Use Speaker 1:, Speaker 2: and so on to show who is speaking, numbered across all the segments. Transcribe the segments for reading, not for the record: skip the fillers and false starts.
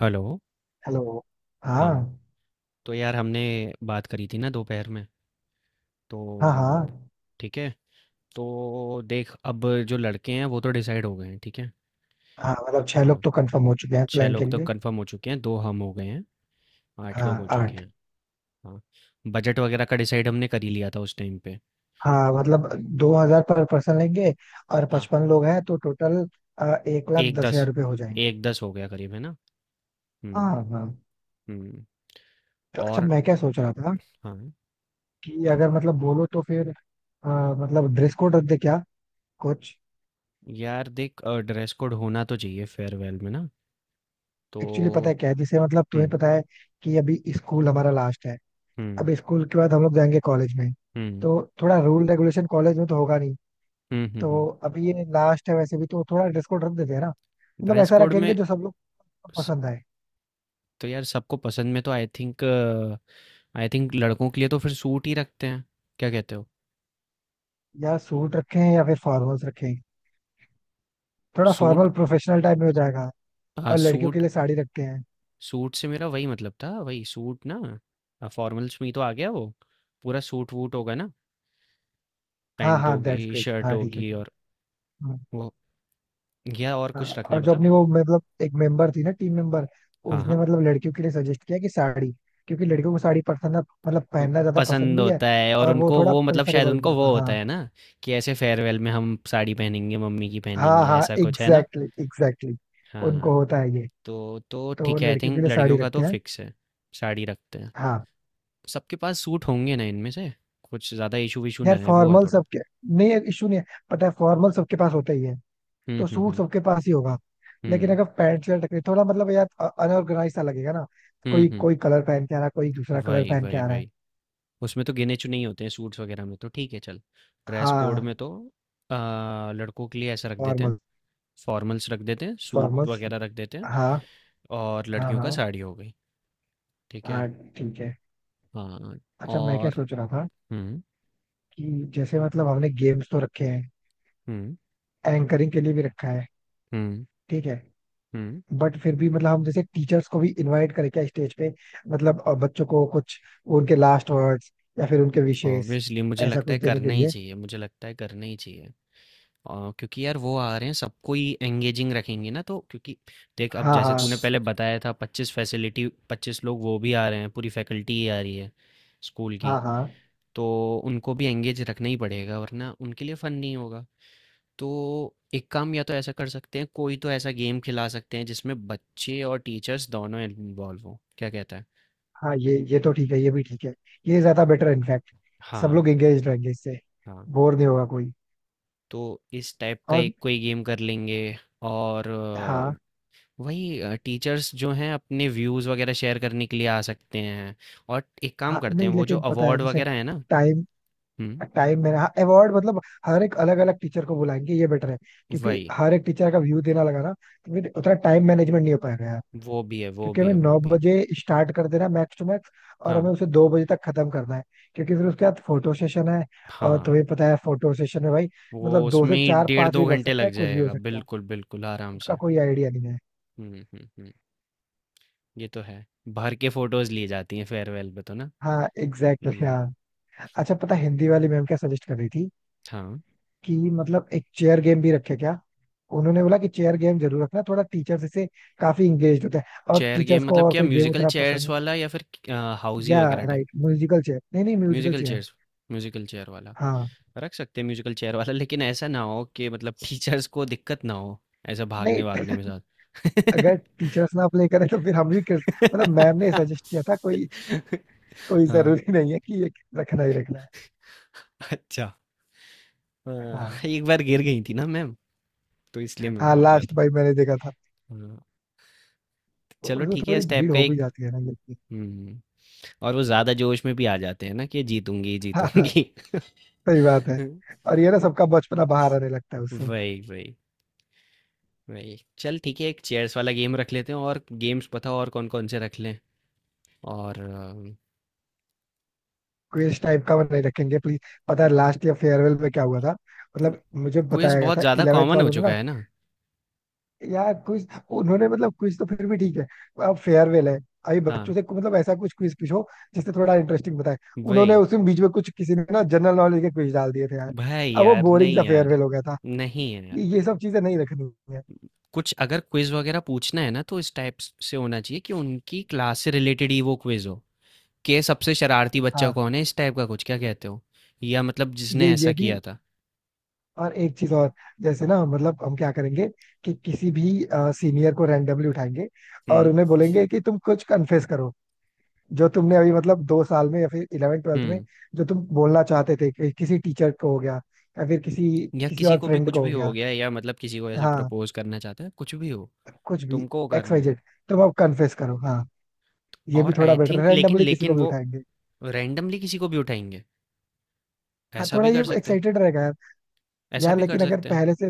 Speaker 1: Hello.
Speaker 2: Hello. हाँ।
Speaker 1: हाँ, तो यार हमने बात करी थी ना दोपहर में, तो
Speaker 2: हाँ। हाँ।
Speaker 1: ठीक है। तो देख अब जो लड़के हैं वो तो डिसाइड हो गए हैं, ठीक है।
Speaker 2: हाँ, मतलब छह लोग
Speaker 1: हाँ,
Speaker 2: तो कंफर्म हो चुके हैं
Speaker 1: छह
Speaker 2: प्लान के
Speaker 1: लोग तो
Speaker 2: लिए।
Speaker 1: कंफर्म हो चुके हैं, दो हम हो गए हैं, आठ
Speaker 2: हाँ
Speaker 1: लोग हो चुके
Speaker 2: आठ।
Speaker 1: हैं। हाँ, बजट वगैरह का डिसाइड हमने कर ही लिया था उस टाइम पे।
Speaker 2: हाँ, मतलब 2000 पर पर्सन लेंगे, और
Speaker 1: हाँ,
Speaker 2: 55 लोग हैं तो टोटल एक लाख
Speaker 1: एक
Speaker 2: दस हजार
Speaker 1: दस,
Speaker 2: रुपये हो जाएंगे।
Speaker 1: एक दस हो गया करीब, है ना।
Speaker 2: हाँ
Speaker 1: हम्म।
Speaker 2: हाँ।
Speaker 1: हम्म।
Speaker 2: तो अच्छा,
Speaker 1: और
Speaker 2: मैं क्या सोच रहा था
Speaker 1: हाँ,
Speaker 2: कि अगर मतलब बोलो तो फिर मतलब ड्रेस कोड रख दे क्या कुछ।
Speaker 1: यार देख ड्रेस कोड होना तो चाहिए फेयरवेल में ना। तो
Speaker 2: एक्चुअली पता है क्या है, जैसे मतलब तुम्हें
Speaker 1: हम्म।
Speaker 2: पता है कि अभी स्कूल हमारा लास्ट है।
Speaker 1: हम्म।
Speaker 2: अब स्कूल के बाद हम लोग जाएंगे कॉलेज में,
Speaker 1: हम्म।
Speaker 2: तो थोड़ा रूल रेगुलेशन कॉलेज में तो होगा नहीं।
Speaker 1: हम्म। हम्म।
Speaker 2: तो
Speaker 1: हम्म।
Speaker 2: अभी ये लास्ट है, वैसे भी तो थोड़ा ड्रेस कोड रख देते हैं ना। मतलब
Speaker 1: ड्रेस
Speaker 2: ऐसा
Speaker 1: कोड
Speaker 2: रखेंगे
Speaker 1: में
Speaker 2: जो सब लोग को
Speaker 1: स-
Speaker 2: पसंद आए।
Speaker 1: तो यार सबको पसंद में तो आई थिंक लड़कों के लिए तो फिर सूट ही रखते हैं, क्या कहते हो।
Speaker 2: या सूट रखें या फिर फॉर्मल्स रखें, थोड़ा
Speaker 1: सूट,
Speaker 2: फॉर्मल प्रोफेशनल टाइप में हो जाएगा।
Speaker 1: हाँ
Speaker 2: और लड़कियों के
Speaker 1: सूट।
Speaker 2: लिए साड़ी रखते हैं।
Speaker 1: सूट से मेरा वही मतलब था, वही सूट ना, फॉर्मल्स में ही तो आ गया वो। पूरा सूट वूट होगा ना,
Speaker 2: हाँ
Speaker 1: पैंट
Speaker 2: हाँ, दैट्स
Speaker 1: होगी
Speaker 2: ग्रेट।
Speaker 1: शर्ट
Speaker 2: हाँ ठीक है।
Speaker 1: होगी और
Speaker 2: हम्म।
Speaker 1: वो, या और
Speaker 2: हाँ हाँ,
Speaker 1: कुछ रखना है
Speaker 2: और जो
Speaker 1: बता।
Speaker 2: अपनी वो मतलब एक मेंबर थी ना, टीम मेंबर,
Speaker 1: हाँ
Speaker 2: उसने
Speaker 1: हाँ,
Speaker 2: मतलब लड़कियों के लिए सजेस्ट किया कि साड़ी, क्योंकि लड़कियों को साड़ी पसंद, मतलब
Speaker 1: तो
Speaker 2: पहनना ज्यादा पसंद
Speaker 1: पसंद
Speaker 2: भी है।
Speaker 1: होता है और
Speaker 2: और वो
Speaker 1: उनको
Speaker 2: थोड़ा
Speaker 1: वो मतलब शायद
Speaker 2: प्रेफरेबल भी
Speaker 1: उनको वो
Speaker 2: होगा।
Speaker 1: होता
Speaker 2: हाँ।
Speaker 1: है ना कि ऐसे फेयरवेल में हम साड़ी पहनेंगे मम्मी की
Speaker 2: हाँ
Speaker 1: पहनेंगे
Speaker 2: हाँ,
Speaker 1: ऐसा कुछ है ना।
Speaker 2: Exactly exactly.
Speaker 1: हाँ,
Speaker 2: उनको होता है ये।
Speaker 1: तो
Speaker 2: तो
Speaker 1: ठीक है आई
Speaker 2: लड़कियों के
Speaker 1: थिंक
Speaker 2: लिए साड़ी
Speaker 1: लड़कियों का
Speaker 2: रखते
Speaker 1: तो
Speaker 2: हैं।
Speaker 1: फिक्स है। साड़ी रखते हैं।
Speaker 2: हाँ।
Speaker 1: सबके पास सूट होंगे ना इनमें से, कुछ ज़्यादा इशू विशू ना
Speaker 2: यार
Speaker 1: है वो है
Speaker 2: फॉर्मल
Speaker 1: थोड़ा।
Speaker 2: सबके, नहीं इशू नहीं है। पता है फॉर्मल सबके पास होता ही है,
Speaker 1: हम्म।
Speaker 2: तो सूट
Speaker 1: हम्म।
Speaker 2: सबके पास ही होगा। लेकिन
Speaker 1: हम्म।
Speaker 2: अगर पैंट शर्ट रखे, थोड़ा मतलब यार अनऑर्गेनाइज सा लगेगा ना।
Speaker 1: हम्म। हम्म।
Speaker 2: कोई
Speaker 1: हम्म।
Speaker 2: कोई कलर पहन के आ रहा है, कोई दूसरा कलर
Speaker 1: वही
Speaker 2: पहन के
Speaker 1: वही
Speaker 2: आ रहा है।
Speaker 1: वही, उसमें तो गिने चुने ही होते हैं सूट्स वगैरह में तो ठीक है चल। ड्रेस कोड में
Speaker 2: हाँ,
Speaker 1: तो लड़कों के लिए ऐसा रख देते हैं,
Speaker 2: फॉर्मल।
Speaker 1: फॉर्मल्स रख देते हैं, सूट
Speaker 2: फॉर्मल।
Speaker 1: वगैरह रख देते हैं।
Speaker 2: हाँ
Speaker 1: और
Speaker 2: हाँ
Speaker 1: लड़कियों का
Speaker 2: हाँ
Speaker 1: साड़ी हो गई। ठीक है।
Speaker 2: हाँ, ठीक है।
Speaker 1: हाँ
Speaker 2: अच्छा, मैं क्या
Speaker 1: और
Speaker 2: सोच रहा था
Speaker 1: हम्म।
Speaker 2: कि जैसे मतलब हमने गेम्स तो रखे हैं,
Speaker 1: हम्म।
Speaker 2: एंकरिंग के लिए भी रखा है,
Speaker 1: हम्म।
Speaker 2: ठीक है।
Speaker 1: हम्म।
Speaker 2: बट फिर भी मतलब हम जैसे टीचर्स को भी इनवाइट करें क्या स्टेज पे, मतलब बच्चों को कुछ, उनके लास्ट वर्ड्स या फिर उनके विशेष,
Speaker 1: ऑब्वियसली मुझे
Speaker 2: ऐसा
Speaker 1: लगता
Speaker 2: कुछ
Speaker 1: है
Speaker 2: देने के
Speaker 1: करना ही
Speaker 2: लिए।
Speaker 1: चाहिए, मुझे लगता है करना ही चाहिए। क्योंकि यार वो आ रहे हैं, सबको ही एंगेजिंग रखेंगे ना तो, क्योंकि देख अब
Speaker 2: हाँ
Speaker 1: जैसे तूने
Speaker 2: हाँ
Speaker 1: पहले बताया था 25 फैसिलिटी 25 लोग, वो भी आ रहे हैं पूरी फैकल्टी ही आ रही है स्कूल की।
Speaker 2: हाँ हाँ।
Speaker 1: तो उनको भी एंगेज रखना ही पड़ेगा वरना उनके लिए फन नहीं होगा। तो एक काम या तो ऐसा कर सकते हैं, कोई तो ऐसा गेम खिला सकते हैं जिसमें बच्चे और टीचर्स दोनों इन्वॉल्व हों, क्या कहता है।
Speaker 2: हाँ, ये तो ठीक है, ये भी ठीक है। ये ज्यादा बेटर है इनफैक्ट, सब
Speaker 1: हाँ
Speaker 2: लोग एंगेज रहेंगे इससे,
Speaker 1: हाँ,
Speaker 2: बोर नहीं होगा कोई।
Speaker 1: तो इस टाइप का
Speaker 2: और
Speaker 1: एक कोई गेम कर लेंगे। और
Speaker 2: हाँ।
Speaker 1: वही टीचर्स जो हैं अपने व्यूज़ वगैरह शेयर करने के लिए आ सकते हैं। और एक काम
Speaker 2: हाँ,
Speaker 1: करते हैं,
Speaker 2: नहीं
Speaker 1: वो जो
Speaker 2: लेकिन पता है,
Speaker 1: अवार्ड
Speaker 2: जैसे
Speaker 1: वगैरह है ना।
Speaker 2: टाइम,
Speaker 1: हम्म।
Speaker 2: टाइम में, हाँ अवार्ड मतलब हर एक अलग अलग टीचर को बुलाएंगे, ये बेटर है। क्योंकि
Speaker 1: वही,
Speaker 2: हर एक टीचर का व्यू देना लगा ना, तो फिर उतना टाइम मैनेजमेंट नहीं हो पाएगा यार।
Speaker 1: वो भी है वो
Speaker 2: क्योंकि
Speaker 1: भी
Speaker 2: हमें
Speaker 1: है वो
Speaker 2: नौ
Speaker 1: भी है।
Speaker 2: बजे स्टार्ट कर देना, मैक्स टू मैक्स, और
Speaker 1: हाँ
Speaker 2: हमें उसे 2 बजे तक खत्म करना है। क्योंकि फिर उसके बाद फोटो सेशन है। और
Speaker 1: हाँ,
Speaker 2: तुम्हें पता है फोटो सेशन में भाई,
Speaker 1: वो
Speaker 2: मतलब दो
Speaker 1: उसमें
Speaker 2: से
Speaker 1: ही
Speaker 2: चार
Speaker 1: डेढ़
Speaker 2: पांच
Speaker 1: दो
Speaker 2: भी बज
Speaker 1: घंटे
Speaker 2: सकता
Speaker 1: लग
Speaker 2: है, कुछ भी हो
Speaker 1: जाएगा
Speaker 2: सकता है,
Speaker 1: बिल्कुल बिल्कुल आराम
Speaker 2: उसका
Speaker 1: से।
Speaker 2: कोई आइडिया नहीं है।
Speaker 1: हम्म। हम्म। हम्म। ये तो है, भर के फोटोज ली जाती हैं फेयरवेल पे तो ना।
Speaker 2: हाँ एग्जैक्टली exactly,
Speaker 1: हम्म।
Speaker 2: हाँ। अच्छा पता है, हिंदी वाली मैम क्या सजेस्ट कर रही थी
Speaker 1: हाँ,
Speaker 2: कि मतलब एक चेयर गेम भी रखे क्या। उन्होंने बोला कि चेयर गेम जरूर रखना, थोड़ा टीचर्स इससे काफी इंगेज होते हैं और
Speaker 1: चेयर
Speaker 2: टीचर्स
Speaker 1: गेम
Speaker 2: को
Speaker 1: मतलब
Speaker 2: और
Speaker 1: क्या,
Speaker 2: कोई गेम
Speaker 1: म्यूजिकल
Speaker 2: उतना पसंद
Speaker 1: चेयर्स
Speaker 2: है।
Speaker 1: वाला या फिर हाउजी
Speaker 2: या
Speaker 1: वगैरह।
Speaker 2: राइट म्यूजिकल चेयर, नहीं नहीं musical
Speaker 1: musical
Speaker 2: chair.
Speaker 1: Chairs, musical chair वाला।
Speaker 2: हाँ।
Speaker 1: रख सकते हैं म्यूज़िकल चेयर वाला, लेकिन ऐसा ना हो कि मतलब टीचर्स को दिक्कत ना हो, ऐसा भागने-वागने
Speaker 2: नहीं,
Speaker 1: में साथ।
Speaker 2: अगर टीचर्स ना अप्लाई करें तो फिर हम भी कर, मतलब मैम ने सजेस्ट किया था, कोई कोई
Speaker 1: हाँ,
Speaker 2: जरूरी नहीं है कि ये रखना ही रखना है।
Speaker 1: अच्छा। हाँ,
Speaker 2: हाँ।
Speaker 1: एक बार गिर गई थी ना मैम, तो इसलिए मैं
Speaker 2: हाँ
Speaker 1: बोल रहा
Speaker 2: लास्ट
Speaker 1: था।
Speaker 2: भाई, मैंने देखा था।
Speaker 1: हाँ, चलो
Speaker 2: उसमें
Speaker 1: ठीक है
Speaker 2: थोड़ी
Speaker 1: इस टाइप
Speaker 2: भीड़
Speaker 1: का
Speaker 2: हो भी
Speaker 1: एक।
Speaker 2: जाती है ना, लेकिन।
Speaker 1: हुँ, और वो ज़्यादा जोश में भी आ जाते हैं ना कि जीतूँगी,
Speaker 2: हाँ हाँ,
Speaker 1: जीतूँगी।
Speaker 2: सही बात है। और ये ना सबका बचपना बाहर आने लगता है उससे।
Speaker 1: वही, वही, वही। चल ठीक है एक चेयर्स वाला गेम रख लेते हैं, और गेम्स पता और कौन-कौन से रख लें? और
Speaker 2: क्विज टाइप का वो नहीं रखेंगे प्लीज। पता है लास्ट ईयर फेयरवेल में क्या हुआ था? मतलब मुझे
Speaker 1: क्विज
Speaker 2: बताया गया
Speaker 1: बहुत
Speaker 2: था
Speaker 1: ज़्यादा
Speaker 2: इलेवेंथ
Speaker 1: कॉमन हो
Speaker 2: वालों ने
Speaker 1: चुका
Speaker 2: ना।
Speaker 1: है ना।
Speaker 2: यार क्विज, उन्होंने मतलब क्विज तो फिर भी ठीक है, अब फेयरवेल है। अभी
Speaker 1: हाँ,
Speaker 2: बच्चों से मतलब ऐसा कुछ क्विज पूछो जिससे थोड़ा इंटरेस्टिंग बताए।
Speaker 1: वही,
Speaker 2: उन्होंने उसमें बीच में कुछ किसी ने ना जनरल नॉलेज के क्विज डाल दिए थे यार।
Speaker 1: भाई
Speaker 2: अब वो
Speaker 1: यार
Speaker 2: बोरिंग
Speaker 1: नहीं
Speaker 2: सा
Speaker 1: यार,
Speaker 2: फेयरवेल हो गया था।
Speaker 1: नहीं यार
Speaker 2: ये सब चीजें नहीं रखनी है।
Speaker 1: कुछ अगर क्विज वगैरह पूछना है ना तो इस टाइप से होना चाहिए कि उनकी क्लास से रिलेटेड ही वो क्विज हो, के सबसे शरारती बच्चा
Speaker 2: हाँ,
Speaker 1: कौन है इस टाइप का कुछ, क्या कहते हो। या मतलब जिसने ऐसा
Speaker 2: ये भी।
Speaker 1: किया था।
Speaker 2: और एक चीज और, जैसे ना मतलब हम क्या करेंगे कि किसी भी सीनियर को रैंडमली उठाएंगे और
Speaker 1: हम्म।
Speaker 2: उन्हें बोलेंगे कि तुम कुछ कन्फेस करो, जो तुमने अभी मतलब 2 साल में या फिर इलेवेंथ ट्वेल्थ में,
Speaker 1: हम्म।
Speaker 2: जो तुम बोलना चाहते थे, कि किसी टीचर को हो गया या फिर किसी,
Speaker 1: या
Speaker 2: किसी
Speaker 1: किसी
Speaker 2: और
Speaker 1: को भी
Speaker 2: फ्रेंड
Speaker 1: कुछ
Speaker 2: को हो
Speaker 1: भी हो
Speaker 2: गया।
Speaker 1: गया, या मतलब किसी को ऐसे
Speaker 2: हाँ,
Speaker 1: प्रपोज करना चाहता है, कुछ भी हो,
Speaker 2: कुछ भी,
Speaker 1: तुमको
Speaker 2: एक्स वाई
Speaker 1: करना है।
Speaker 2: जेड तुम अब कन्फेस करो। हाँ, ये भी
Speaker 1: और
Speaker 2: थोड़ा
Speaker 1: आई
Speaker 2: बेटर है,
Speaker 1: थिंक लेकिन
Speaker 2: रैंडमली किसी
Speaker 1: लेकिन
Speaker 2: को भी
Speaker 1: वो
Speaker 2: उठाएंगे।
Speaker 1: रैंडमली किसी को भी उठाएंगे,
Speaker 2: हाँ,
Speaker 1: ऐसा
Speaker 2: थोड़ा
Speaker 1: भी
Speaker 2: ये
Speaker 1: कर सकते हैं,
Speaker 2: एक्साइटेड रहेगा यार।
Speaker 1: ऐसा
Speaker 2: यार
Speaker 1: भी कर
Speaker 2: लेकिन अगर
Speaker 1: सकते हैं।
Speaker 2: पहले से,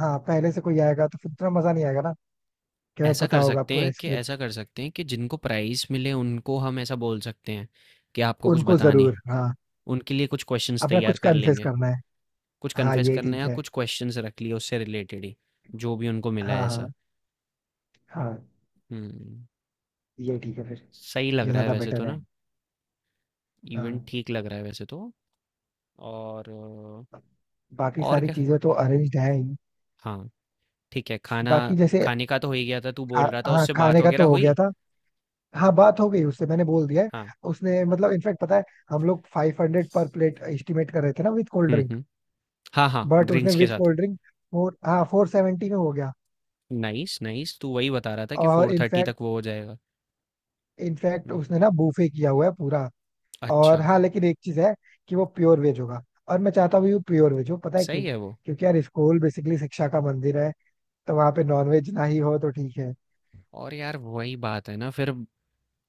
Speaker 2: हाँ पहले से कोई आएगा तो फिर उतना मजा नहीं आएगा ना, कि हमें
Speaker 1: ऐसा
Speaker 2: पता
Speaker 1: कर
Speaker 2: होगा
Speaker 1: सकते
Speaker 2: पूरा
Speaker 1: हैं कि
Speaker 2: स्क्रिप्ट।
Speaker 1: ऐसा कर सकते हैं कि जिनको प्राइज़ मिले उनको हम ऐसा बोल सकते हैं कि आपको कुछ
Speaker 2: उनको
Speaker 1: बताना है।
Speaker 2: जरूर हाँ।
Speaker 1: उनके लिए कुछ क्वेश्चंस
Speaker 2: अपना
Speaker 1: तैयार
Speaker 2: कुछ
Speaker 1: कर
Speaker 2: कन्फेस
Speaker 1: लेंगे।
Speaker 2: करना है।
Speaker 1: कुछ
Speaker 2: हाँ
Speaker 1: कन्फेस
Speaker 2: ये
Speaker 1: करना है,
Speaker 2: ठीक
Speaker 1: या
Speaker 2: है।
Speaker 1: कुछ क्वेश्चंस रख लिए उससे रिलेटेड ही, जो भी उनको मिला है
Speaker 2: हाँ हाँ
Speaker 1: ऐसा।
Speaker 2: हाँ,
Speaker 1: हुँ,
Speaker 2: ये ठीक है फिर,
Speaker 1: सही लग
Speaker 2: ये
Speaker 1: रहा है
Speaker 2: ज्यादा
Speaker 1: वैसे
Speaker 2: बेटर
Speaker 1: तो
Speaker 2: है।
Speaker 1: ना।
Speaker 2: हाँ,
Speaker 1: इवेंट ठीक लग रहा है वैसे तो। और
Speaker 2: बाकी
Speaker 1: और
Speaker 2: सारी
Speaker 1: क्या।
Speaker 2: चीजें तो अरेंज्ड है ही।
Speaker 1: हाँ, ठीक है, खाना
Speaker 2: बाकी जैसे
Speaker 1: खाने का तो हो ही गया था, तू
Speaker 2: खा,
Speaker 1: बोल रहा था
Speaker 2: हाँ
Speaker 1: उससे बात
Speaker 2: खाने का
Speaker 1: वग़ैरह
Speaker 2: तो हो गया
Speaker 1: हुई?
Speaker 2: था। हाँ, बात हो गई उससे, मैंने बोल दिया है।
Speaker 1: हाँ।
Speaker 2: उसने मतलब इनफैक्ट पता है, हम लोग 500 पर प्लेट एस्टिमेट कर रहे थे ना विद कोल्ड
Speaker 1: हुँ,
Speaker 2: ड्रिंक।
Speaker 1: हुँ। हाँ, हाँ,
Speaker 2: बट उसने
Speaker 1: ड्रिंक्स के
Speaker 2: विद
Speaker 1: साथ।
Speaker 2: कोल्ड ड्रिंक, फोर सेवेंटी में हो गया।
Speaker 1: नाइस नाइस, तू वही बता रहा था कि
Speaker 2: और
Speaker 1: फोर थर्टी
Speaker 2: इनफैक्ट
Speaker 1: तक वो हो जाएगा।
Speaker 2: इनफैक्ट
Speaker 1: हम्म,
Speaker 2: उसने ना बूफे किया हुआ है पूरा। और
Speaker 1: अच्छा।
Speaker 2: हाँ, लेकिन एक चीज है कि वो प्योर वेज होगा, और मैं चाहता भी हूँ प्योर वेज हो, पता है क्यों?
Speaker 1: सही है वो।
Speaker 2: क्योंकि यार स्कूल बेसिकली शिक्षा का मंदिर है, तो वहां पे नॉन वेज ना ही हो तो ठीक है।
Speaker 1: और यार वही बात है ना फिर,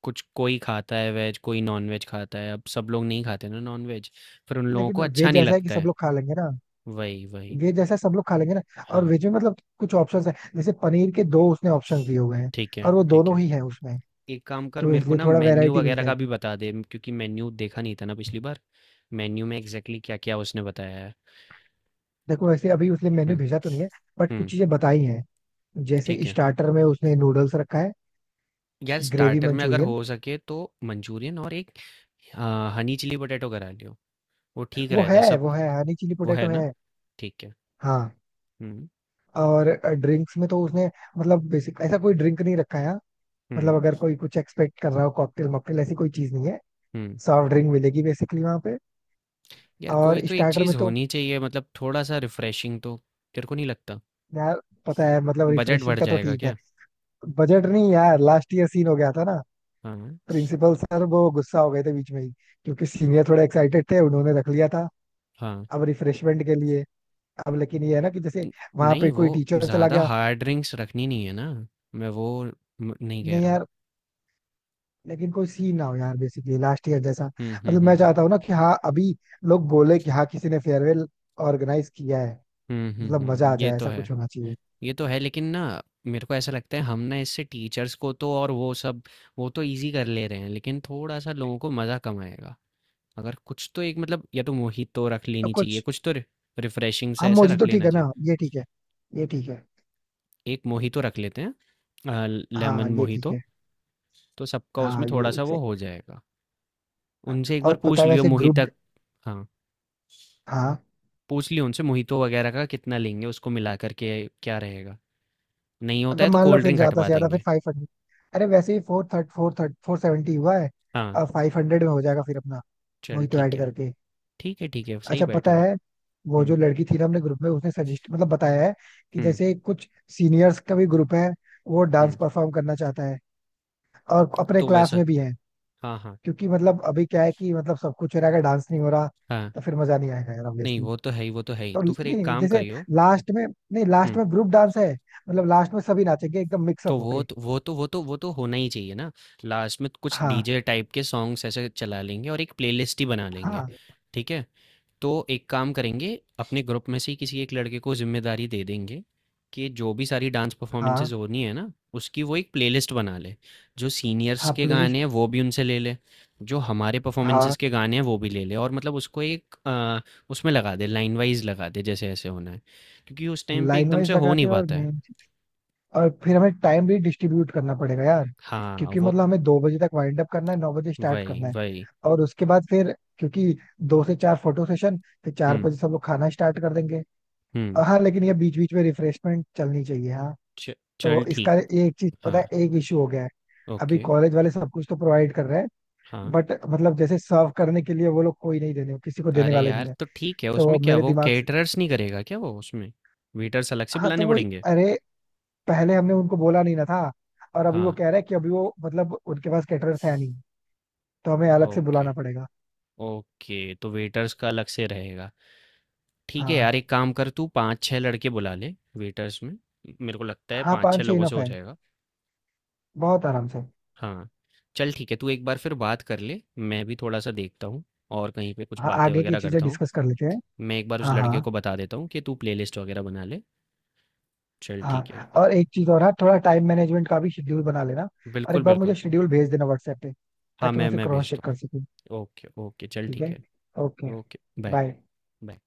Speaker 1: कुछ कोई खाता है वेज कोई नॉन वेज खाता है, अब सब लोग नहीं खाते ना नॉन वेज, फिर उन लोगों को
Speaker 2: लेकिन
Speaker 1: अच्छा
Speaker 2: वेज
Speaker 1: नहीं
Speaker 2: ऐसा है कि
Speaker 1: लगता
Speaker 2: सब
Speaker 1: है।
Speaker 2: लोग खा लेंगे ना।
Speaker 1: वही वही।
Speaker 2: वेज ऐसा सब लोग खा लेंगे ना। और
Speaker 1: हाँ।
Speaker 2: वेज में मतलब कुछ ऑप्शंस है, जैसे पनीर के दो उसने ऑप्शन दिए हुए हैं
Speaker 1: ठीक है
Speaker 2: और वो
Speaker 1: ठीक
Speaker 2: दोनों
Speaker 1: है,
Speaker 2: ही है उसमें,
Speaker 1: एक काम कर
Speaker 2: तो
Speaker 1: मेरे को
Speaker 2: इसलिए
Speaker 1: ना
Speaker 2: थोड़ा
Speaker 1: मेन्यू
Speaker 2: वैरायटी मिल
Speaker 1: वगैरह का भी
Speaker 2: जाएगी।
Speaker 1: बता दे, क्योंकि मेन्यू देखा नहीं था ना पिछली बार। मेन्यू में एग्जैक्टली क्या क्या उसने बताया है।
Speaker 2: देखो वैसे अभी उसने मेन्यू
Speaker 1: हम्म।
Speaker 2: भेजा तो नहीं है, बट कुछ
Speaker 1: हम्म।
Speaker 2: चीजें बताई हैं। जैसे
Speaker 1: ठीक है,
Speaker 2: स्टार्टर में उसने नूडल्स रखा है,
Speaker 1: यार
Speaker 2: ग्रेवी
Speaker 1: स्टार्टर में अगर
Speaker 2: मंचूरियन।
Speaker 1: हो सके तो मंचूरियन, और एक हनी चिली पोटैटो करा लियो, वो ठीक
Speaker 2: वो
Speaker 1: रहता है
Speaker 2: है
Speaker 1: सब।
Speaker 2: वो है हनी चिली
Speaker 1: वो
Speaker 2: पोटैटो
Speaker 1: है ना?
Speaker 2: है।
Speaker 1: ठीक है।
Speaker 2: हाँ।
Speaker 1: हुँ,
Speaker 2: और ड्रिंक्स में तो उसने, मतलब बेसिक ऐसा कोई ड्रिंक नहीं रखा है यहाँ। मतलब
Speaker 1: हुँ,
Speaker 2: अगर कोई कुछ एक्सपेक्ट कर रहा हो कॉकटेल मॉकटेल, ऐसी कोई चीज नहीं है।
Speaker 1: हुँ।
Speaker 2: सॉफ्ट ड्रिंक मिलेगी बेसिकली वहां पे।
Speaker 1: यार कोई
Speaker 2: और
Speaker 1: तो एक
Speaker 2: स्टार्टर में
Speaker 1: चीज़
Speaker 2: तो
Speaker 1: होनी चाहिए मतलब थोड़ा-सा रिफ्रेशिंग तो, तेरे को नहीं लगता?
Speaker 2: यार, पता है मतलब
Speaker 1: बजट
Speaker 2: रिफ्रेशिंग
Speaker 1: बढ़
Speaker 2: का तो
Speaker 1: जाएगा
Speaker 2: ठीक है।
Speaker 1: क्या?
Speaker 2: बजट नहीं यार, लास्ट ईयर सीन हो गया था ना।
Speaker 1: हाँ,
Speaker 2: प्रिंसिपल सर वो गुस्सा हो गए थे बीच में ही, क्योंकि सीनियर थोड़े एक्साइटेड थे, उन्होंने रख लिया था
Speaker 1: हाँ।
Speaker 2: अब रिफ्रेशमेंट के लिए। अब लेकिन ये है ना कि जैसे
Speaker 1: न
Speaker 2: वहां
Speaker 1: नहीं
Speaker 2: पे
Speaker 1: वो
Speaker 2: कोई टीचर चला
Speaker 1: ज़्यादा
Speaker 2: गया।
Speaker 1: हार्ड ड्रिंक्स रखनी नहीं है ना, मैं वो म नहीं कह
Speaker 2: नहीं
Speaker 1: रहा हूँ।
Speaker 2: यार, लेकिन कोई सीन ना हो यार, बेसिकली लास्ट ईयर जैसा।
Speaker 1: हुँ, हुँ,
Speaker 2: मतलब मैं
Speaker 1: हुँ, हुँ।
Speaker 2: चाहता हूँ ना कि हाँ अभी लोग बोले कि हाँ किसी ने फेयरवेल ऑर्गेनाइज किया है,
Speaker 1: हुँ, हुँ,
Speaker 2: मतलब मजा
Speaker 1: हुँ,
Speaker 2: आ
Speaker 1: ये
Speaker 2: जाए,
Speaker 1: तो
Speaker 2: ऐसा
Speaker 1: है।
Speaker 2: कुछ होना चाहिए।
Speaker 1: ये तो है लेकिन ना, मेरे को ऐसा लगता है हम ना इससे टीचर्स को तो और वो सब, वो तो ईज़ी कर ले रहे हैं, लेकिन थोड़ा-सा लोगों को मज़ा कम आएगा। अगर कुछ तो एक मतलब या तो मोहितो रख
Speaker 2: तो
Speaker 1: लेनी चाहिए,
Speaker 2: कुछ।
Speaker 1: कुछ तो रि रिफ्रेशिंग सा
Speaker 2: हम
Speaker 1: ऐसा
Speaker 2: मोजी
Speaker 1: रख
Speaker 2: तो ठीक
Speaker 1: लेना
Speaker 2: है ना,
Speaker 1: चाहिए।
Speaker 2: ये ठीक है, ये ठीक है।
Speaker 1: एक मोहितो रख लेते हैं, अ,
Speaker 2: हाँ
Speaker 1: लेमन
Speaker 2: ये ठीक
Speaker 1: मोहितो,
Speaker 2: है।
Speaker 1: तो सबका उसमें
Speaker 2: हाँ ये
Speaker 1: थोड़ा-सा वो हो
Speaker 2: exactly।
Speaker 1: जाएगा। उनसे एक
Speaker 2: और
Speaker 1: बार
Speaker 2: पता
Speaker 1: पूछ
Speaker 2: है
Speaker 1: लियो
Speaker 2: वैसे
Speaker 1: मोहिता।
Speaker 2: ग्रुप,
Speaker 1: हाँ,
Speaker 2: हाँ
Speaker 1: पूछ लियो उनसे मोहितो वगैरह का कितना लेंगे, उसको मिला कर के क्या रहेगा। नहीं होता
Speaker 2: अगर
Speaker 1: है तो
Speaker 2: मान लो
Speaker 1: कोल्ड
Speaker 2: फिर
Speaker 1: ड्रिंक
Speaker 2: ज्यादा
Speaker 1: हटवा
Speaker 2: से ज्यादा फिर
Speaker 1: देंगे।
Speaker 2: 500। अरे वैसे ही फोर थर्ड, 470 हुआ है।
Speaker 1: हाँ,
Speaker 2: अब 500 में हो जाएगा फिर अपना,
Speaker 1: चल
Speaker 2: वही तो
Speaker 1: ठीक
Speaker 2: ऐड
Speaker 1: है।
Speaker 2: करके।
Speaker 1: ठीक है, ठीक है, सही
Speaker 2: अच्छा
Speaker 1: बैठ
Speaker 2: पता
Speaker 1: रहा है।
Speaker 2: है, वो जो
Speaker 1: हुँ,
Speaker 2: लड़की थी ना हमने ग्रुप में, उसने सजेस्ट मतलब बताया है कि
Speaker 1: हुँ,
Speaker 2: जैसे कुछ सीनियर्स का भी ग्रुप है, वो
Speaker 1: हुँ,
Speaker 2: डांस परफॉर्म करना चाहता है और अपने
Speaker 1: तो
Speaker 2: क्लास
Speaker 1: वैसा।
Speaker 2: में भी है।
Speaker 1: हाँ, हाँ,
Speaker 2: क्योंकि मतलब अभी क्या है कि मतलब सब कुछ हो रहा है, अगर डांस नहीं हो रहा
Speaker 1: हाँ,
Speaker 2: तो फिर मजा नहीं आएगा यार,
Speaker 1: नहीं
Speaker 2: ऑब्वियसली।
Speaker 1: वो तो है ही, वो तो है ही।
Speaker 2: तो
Speaker 1: तो फिर एक
Speaker 2: नहीं
Speaker 1: काम
Speaker 2: जैसे,
Speaker 1: करियो।
Speaker 2: लास्ट में, नहीं लास्ट
Speaker 1: हुँ।
Speaker 2: में ग्रुप डांस है, मतलब लास्ट में सभी नाचेंगे एकदम
Speaker 1: तो
Speaker 2: मिक्सअप
Speaker 1: वो
Speaker 2: होके।
Speaker 1: तो वो तो वो तो वो तो होना ही चाहिए ना, लास्ट में कुछ
Speaker 2: हाँ
Speaker 1: डीजे टाइप के सॉन्ग्स ऐसे चला लेंगे और एक प्लेलिस्ट ही बना लेंगे।
Speaker 2: हाँ
Speaker 1: ठीक है, तो एक काम करेंगे अपने ग्रुप में से ही किसी एक लड़के को जिम्मेदारी दे देंगे कि जो भी सारी डांस
Speaker 2: हाँ
Speaker 1: परफॉर्मेंसेज होनी है ना, उसकी वो एक प्लेलिस्ट बना ले, जो सीनियर्स
Speaker 2: हाँ,
Speaker 1: के गाने
Speaker 2: प्लेलिस्ट।
Speaker 1: हैं वो भी उनसे ले ले, जो हमारे
Speaker 2: हाँ,
Speaker 1: परफॉर्मेंसेज के गाने हैं वो भी ले ले, और मतलब उसको एक उसमें लगा दे, लाइन वाइज लगा दे, जैसे ऐसे होना है, क्योंकि उस टाइम पे
Speaker 2: लाइन
Speaker 1: एकदम से
Speaker 2: वाइज
Speaker 1: हो नहीं
Speaker 2: लगाते हैं और
Speaker 1: पाता है।
Speaker 2: मेन, और फिर हमें टाइम भी डिस्ट्रीब्यूट करना पड़ेगा यार।
Speaker 1: हाँ
Speaker 2: क्योंकि
Speaker 1: वो
Speaker 2: मतलब हमें 2 बजे तक वाइंड अप करना है, 9 बजे स्टार्ट
Speaker 1: वही,
Speaker 2: करना है।
Speaker 1: वही।
Speaker 2: और उसके बाद फिर, क्योंकि 2 से 4 फोटो सेशन, फिर चार
Speaker 1: हुँ,
Speaker 2: बजे सब लोग खाना स्टार्ट कर देंगे।
Speaker 1: हुँ।
Speaker 2: और हाँ लेकिन ये बीच बीच में रिफ्रेशमेंट चलनी चाहिए, हाँ।
Speaker 1: च
Speaker 2: तो
Speaker 1: चल
Speaker 2: इसका,
Speaker 1: ठीक।
Speaker 2: एक चीज पता
Speaker 1: हाँ,
Speaker 2: है एक इशू हो गया है। अभी
Speaker 1: ओके,
Speaker 2: कॉलेज वाले सब कुछ तो प्रोवाइड कर रहे हैं,
Speaker 1: हाँ।
Speaker 2: बट मतलब जैसे सर्व करने के लिए वो लोग कोई नहीं, देने किसी को देने
Speaker 1: अरे
Speaker 2: वाले नहीं
Speaker 1: यार!
Speaker 2: है।
Speaker 1: तो ठीक है उसमें
Speaker 2: तो
Speaker 1: क्या
Speaker 2: मेरे
Speaker 1: वो
Speaker 2: दिमाग से,
Speaker 1: कैटरर्स नहीं करेगा क्या वो उसमें? वेटर्स अलग से
Speaker 2: हाँ तो
Speaker 1: बुलाने
Speaker 2: वो,
Speaker 1: पड़ेंगे?
Speaker 2: अरे पहले हमने उनको बोला नहीं ना था, और अभी वो
Speaker 1: हाँ,
Speaker 2: कह रहे हैं कि अभी वो मतलब उनके पास कैटरर्स है नहीं, तो हमें अलग से
Speaker 1: ओके,
Speaker 2: बुलाना पड़ेगा।
Speaker 1: ओके तो वेटर्स का अलग से रहेगा। ठीक है यार
Speaker 2: हाँ।
Speaker 1: एक काम कर तू 5-6 लड़के बुला ले वेटर्स में। मेरे को लगता है
Speaker 2: हाँ
Speaker 1: 5-6
Speaker 2: पाँच छह
Speaker 1: लोगों से
Speaker 2: इनफ
Speaker 1: हो
Speaker 2: है,
Speaker 1: जाएगा।
Speaker 2: बहुत आराम से।
Speaker 1: हाँ, चल ठीक है, तू एक बार फिर बात कर ले। मैं भी थोड़ा-सा देखता हूँ और कहीं पे कुछ
Speaker 2: हाँ,
Speaker 1: बातें
Speaker 2: आगे की
Speaker 1: वगैरह
Speaker 2: चीजें
Speaker 1: करता हूँ।
Speaker 2: डिस्कस कर लेते हैं।
Speaker 1: मैं एक बार उस
Speaker 2: हाँ
Speaker 1: लड़के
Speaker 2: हाँ
Speaker 1: को बता देता हूँ कि तू प्लेलिस्ट वगैरह बना ले। चल ठीक है।
Speaker 2: हाँ, और एक चीज और है, थोड़ा टाइम मैनेजमेंट का भी शेड्यूल बना लेना। और
Speaker 1: बिल्कुल,
Speaker 2: एक बार
Speaker 1: बिल्कुल।
Speaker 2: मुझे शेड्यूल भेज देना व्हाट्सएप पे,
Speaker 1: हाँ,
Speaker 2: ताकि मैं उसे
Speaker 1: मैं
Speaker 2: क्रॉस
Speaker 1: भेज
Speaker 2: चेक कर
Speaker 1: दूँगा।
Speaker 2: सकूं।
Speaker 1: Okay, okay. चल
Speaker 2: ठीक है।
Speaker 1: ठीक है।
Speaker 2: Okay,
Speaker 1: okay, bye.
Speaker 2: Bye.
Speaker 1: Bye.